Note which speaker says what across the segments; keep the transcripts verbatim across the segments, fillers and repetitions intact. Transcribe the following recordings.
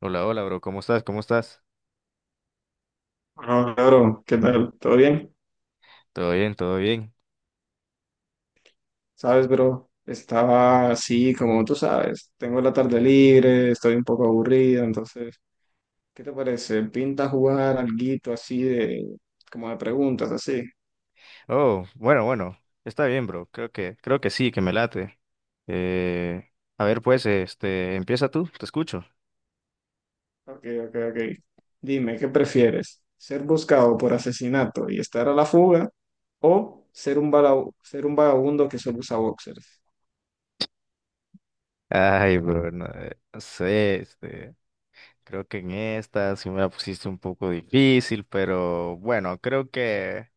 Speaker 1: Hola, hola, bro. ¿Cómo estás? ¿Cómo estás?
Speaker 2: Ah, claro, ¿qué tal? ¿Todo bien?
Speaker 1: Todo bien, todo bien.
Speaker 2: Sabes, bro, estaba así, como tú sabes, tengo la tarde libre, estoy un poco aburrido, entonces, ¿qué te parece? ¿Pinta jugar alguito así de, como de preguntas, así?
Speaker 1: Oh, bueno, bueno. Está bien, bro. Creo que, creo que sí, que me late. Eh, a ver, pues, este, empieza tú. Te escucho.
Speaker 2: Ok, ok, ok. Dime, ¿qué prefieres? ¿Ser buscado por asesinato y estar a la fuga o ser un, vaga- ser un vagabundo que solo usa boxers?
Speaker 1: Ay, bro, no, eh, no sé, este, creo que en esta sí me la pusiste un poco difícil, pero bueno, creo que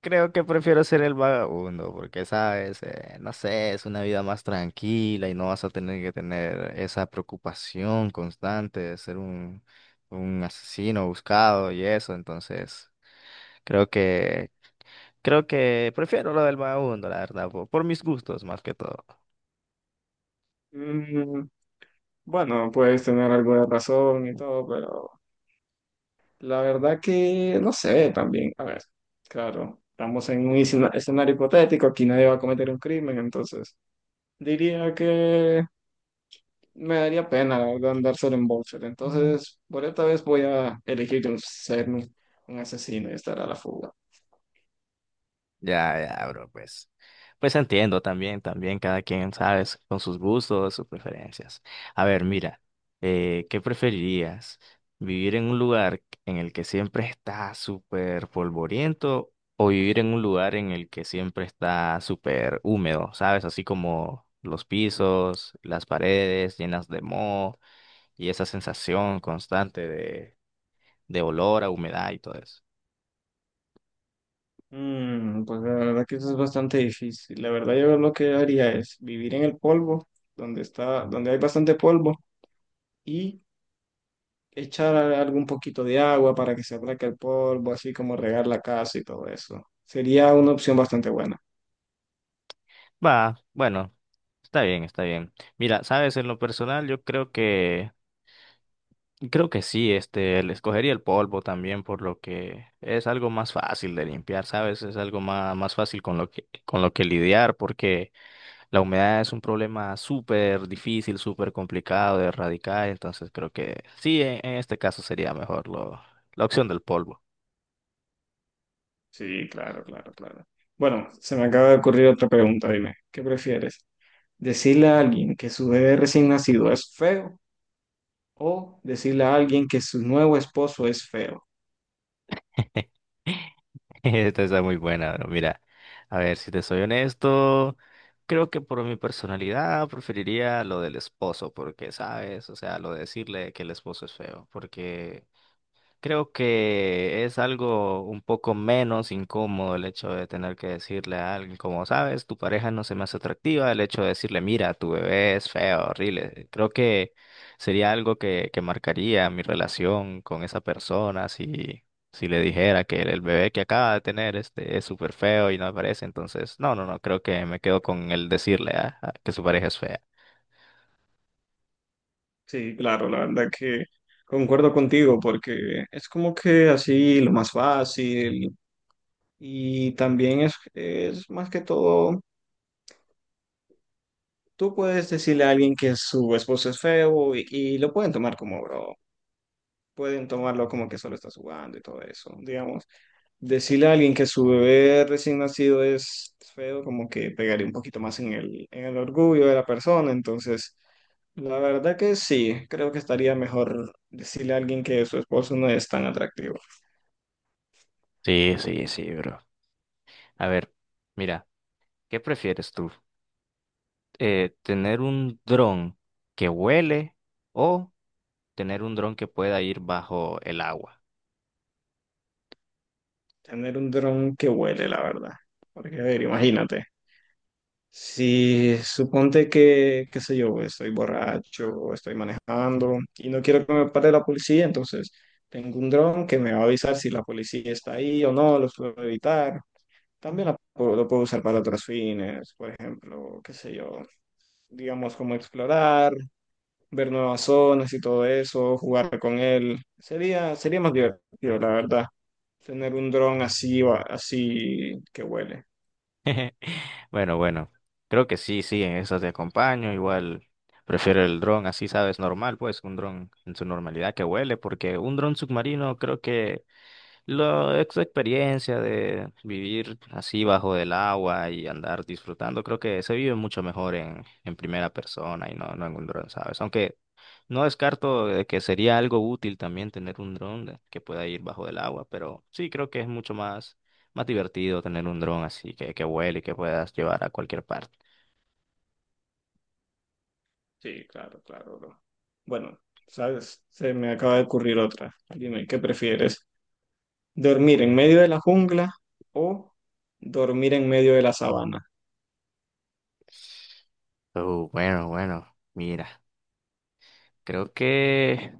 Speaker 1: Creo que prefiero ser el vagabundo, porque sabes, Eh, no sé, es una vida más tranquila y no vas a tener que tener esa preocupación constante de ser un, un asesino buscado y eso. Entonces, creo que, creo que prefiero lo del vagabundo, la verdad, por, por mis gustos más que todo.
Speaker 2: Mm, bueno, puedes tener algo de razón y todo, pero... La verdad que no sé también. A ver, claro, estamos en un escena- escenario hipotético, aquí nadie va a cometer un crimen, entonces diría que me daría pena, la verdad, andar solo en boxer. Entonces, por esta vez voy a elegir un- ser un, un asesino y estar a la fuga.
Speaker 1: Ya, ya, bro, pues. Pues entiendo también, también cada quien, ¿sabes? Con sus gustos, sus preferencias. A ver, mira, eh, ¿qué preferirías? ¿Vivir en un lugar en el que siempre está súper polvoriento o vivir en un lugar en el que siempre está súper húmedo? ¿Sabes? Así como los pisos, las paredes llenas de moho y esa sensación constante de, de olor a humedad y todo eso.
Speaker 2: Mm, pues la verdad que eso es bastante difícil. La verdad yo lo que haría es vivir en el polvo, donde está, donde hay bastante polvo, y echar algún poquito de agua para que se aplaque el polvo, así como regar la casa y todo eso. Sería una opción bastante buena.
Speaker 1: Va, bueno, está bien, está bien. Mira, sabes, en lo personal yo creo que, creo que sí, este, le escogería el polvo también por lo que es algo más fácil de limpiar, sabes, es algo más, más fácil con lo que, con lo que lidiar porque la humedad es un problema súper difícil, súper complicado de erradicar, entonces creo que sí, en, en este caso sería mejor lo, la opción del polvo.
Speaker 2: Sí, claro, claro, claro. Bueno, se me acaba de ocurrir otra pregunta, dime, ¿qué prefieres? ¿Decirle a alguien que su bebé recién nacido es feo o decirle a alguien que su nuevo esposo es feo?
Speaker 1: Esta está muy buena, bro. Mira, a ver, si te soy honesto, creo que por mi personalidad preferiría lo del esposo, porque, ¿sabes? O sea, lo de decirle que el esposo es feo, porque creo que es algo un poco menos incómodo el hecho de tener que decirle a alguien, como sabes, tu pareja no se me hace atractiva, el hecho de decirle, mira, tu bebé es feo, horrible. Creo que sería algo que, que marcaría mi relación con esa persona si, si le dijera que el, el bebé que acaba de tener este, es súper feo y no me parece. Entonces, no, no, no, creo que me quedo con el decirle a- a que su pareja es fea.
Speaker 2: Sí, claro, la verdad que concuerdo contigo porque es como que así lo más fácil y también es, es más que todo. Tú puedes decirle a alguien que su esposo es feo y, y lo pueden tomar como bro. Pueden tomarlo como que solo estás jugando y todo eso, digamos. Decirle a alguien que su bebé recién nacido es feo, como que pegaría un poquito más en el, en el orgullo de la persona. Entonces, la verdad que sí, creo que estaría mejor decirle a alguien que su esposo no es tan atractivo.
Speaker 1: Sí, sí, sí, bro. A ver, mira, ¿qué prefieres tú? Eh, tener un dron que huele o tener un dron que pueda ir bajo el agua.
Speaker 2: Tener un dron que huele, la verdad. Porque, a ver, imagínate. Si suponte que, qué sé yo, estoy borracho o estoy manejando y no quiero que me pare la policía, entonces tengo un dron que me va a avisar si la policía está ahí o no, los puedo evitar. También la puedo- lo puedo usar para otros fines, por ejemplo, qué sé yo, digamos como explorar, ver nuevas zonas y todo eso, jugar con él. Sería, sería más divertido, la verdad, tener un dron así, así que huele.
Speaker 1: Bueno, bueno, creo que sí, sí, en eso te acompaño. Igual prefiero el dron, así sabes, normal, pues un dron en su normalidad que huele, porque un dron submarino creo que la ex experiencia de vivir así bajo el agua y andar disfrutando, creo que se vive mucho mejor en, en primera persona y no, no en un dron, ¿sabes? Aunque no descarto de que sería algo útil también tener un dron de- que pueda ir bajo el agua, pero sí creo que es mucho más, más divertido tener un dron así que, que vuele y que puedas llevar a cualquier parte.
Speaker 2: Sí, claro, claro, bro. Bueno, sabes, se me acaba de ocurrir otra. Dime, ¿qué prefieres? ¿Dormir en medio de la jungla o dormir en medio de la sabana?
Speaker 1: Oh, bueno, bueno, mira, creo que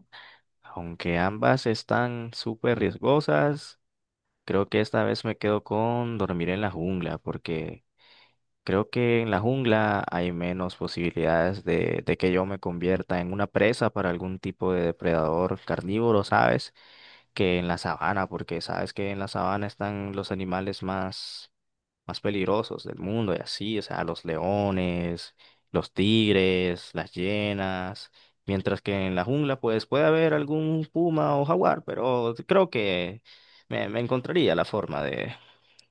Speaker 1: aunque ambas están súper riesgosas, creo que esta vez me quedo con dormir en la jungla, porque creo que en la jungla hay menos posibilidades de, de que yo me convierta en una presa para algún tipo de depredador carnívoro, ¿sabes? Que en la sabana, porque sabes que en la sabana están los animales más, más peligrosos del mundo y así, o sea, los leones, los tigres, las hienas, mientras que en la jungla pues puede haber algún puma o jaguar, pero creo que me, me encontraría la forma de,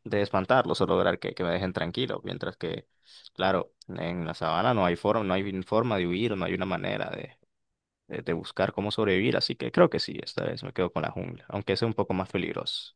Speaker 1: de espantarlos o lograr que, que me dejen tranquilo, mientras que, claro, en la sabana no hay forma, no hay forma de huir, no hay una manera de, de buscar cómo sobrevivir, así que creo que sí, esta vez me quedo con la jungla, aunque es un poco más peligroso.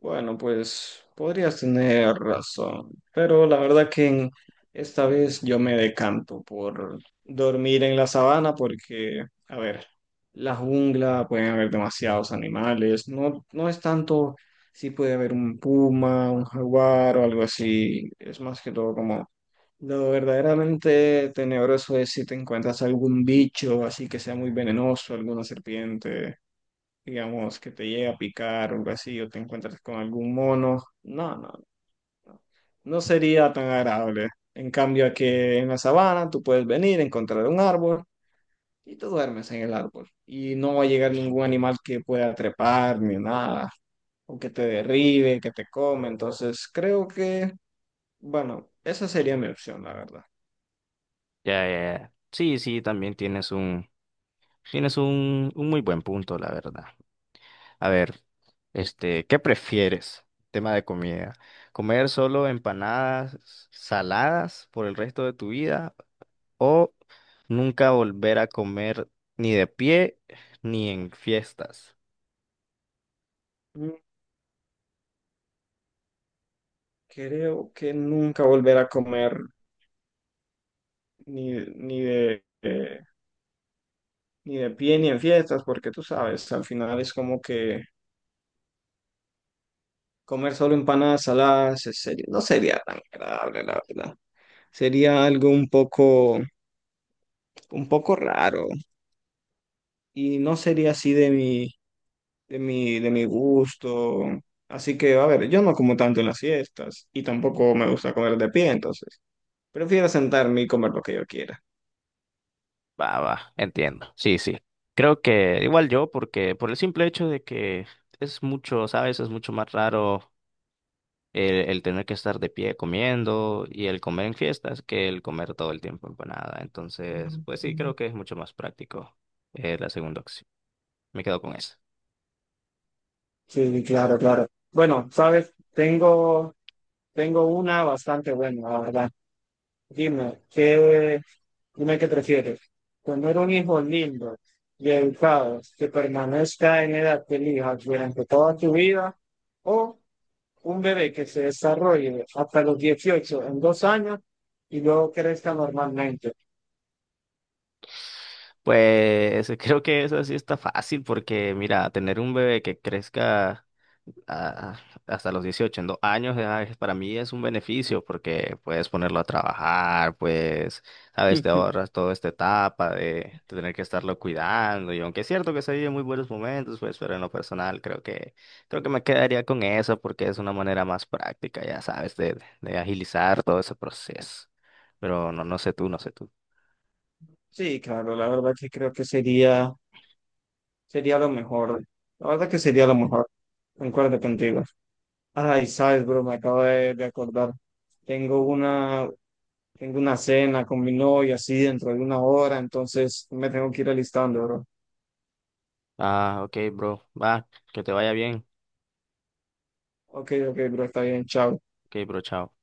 Speaker 2: Bueno, pues podrías tener razón, pero la verdad que en- esta vez yo me decanto por dormir en la sabana porque, a ver, la jungla pueden haber demasiados animales, no, no es tanto si puede haber un puma, un jaguar o algo así, es más que todo como lo verdaderamente tenebroso es si te encuentras algún bicho así que sea muy venenoso, alguna serpiente digamos, que te llegue a picar o algo así, o te encuentras con algún mono. No, no, no. No sería tan agradable. En cambio, aquí en la sabana tú puedes venir, encontrar un árbol y tú duermes en el árbol. Y no va a llegar ningún animal que pueda trepar ni nada, o que te derribe, que te come. Entonces, creo que, bueno, esa sería mi opción, la verdad.
Speaker 1: Ya, ya, ya. Sí, sí, también tienes un, tienes un, un muy buen punto, la verdad. A ver, este, ¿qué prefieres? Tema de comida. ¿Comer solo empanadas saladas por el resto de tu vida o nunca volver a comer ni de pie ni en fiestas?
Speaker 2: Mm, Creo que nunca volver a comer ni, ni de... eh, ni de pie ni en fiestas, porque tú sabes, al final es como que comer solo empanadas saladas es serio- no sería tan agradable, la verdad. Sería algo un poco, un poco raro y no sería así de mi, de mi, de mi gusto. Así que, a ver, yo no como tanto en las fiestas y tampoco me gusta comer de pie, entonces prefiero sentarme y comer lo que yo quiera.
Speaker 1: Va, va, entiendo. Sí, sí. Creo que igual yo, porque por el simple hecho de que es mucho, ¿sabes? Es mucho más raro el, el tener que estar de pie comiendo y el comer en fiestas que el comer todo el tiempo empanada. Entonces, pues sí, creo que es mucho más práctico eh, la segunda opción. Me quedo con esa.
Speaker 2: Sí, claro, claro. Bueno, sabes, tengo, tengo una bastante buena, la verdad. Dime, ¿qué, dime qué prefieres? ¿Tener un hijo lindo y educado que permanezca en edad que elijas durante toda tu vida? ¿O un bebé que se desarrolle hasta los dieciocho en dos años y luego crezca normalmente?
Speaker 1: Pues creo que esa sí está fácil porque, mira, tener un bebé que crezca. Ah, hasta los dieciocho en dos años, ya es- para mí es un beneficio porque puedes ponerlo a trabajar, pues, sabes, te
Speaker 2: Ujú.
Speaker 1: ahorras toda esta etapa de tener que estarlo cuidando. Y aunque es cierto que se viven muy buenos momentos, pues, pero en lo personal creo que, creo que me quedaría con eso porque es una manera más práctica, ya sabes, de, de agilizar todo ese proceso. Pero no, no sé tú, no sé tú.
Speaker 2: Sí, claro, la verdad que creo que sería, sería lo mejor. La verdad que sería lo mejor. Concuerdo contigo. Ay, sabes, bro, me acabo de, de acordar. Tengo una, tengo una cena con mi novia así dentro de una hora, entonces me tengo que ir alistando, bro.
Speaker 1: Ah, ok, bro, va, que te vaya bien.
Speaker 2: Ok, ok, bro, está bien, chao.
Speaker 1: Ok, bro, chao.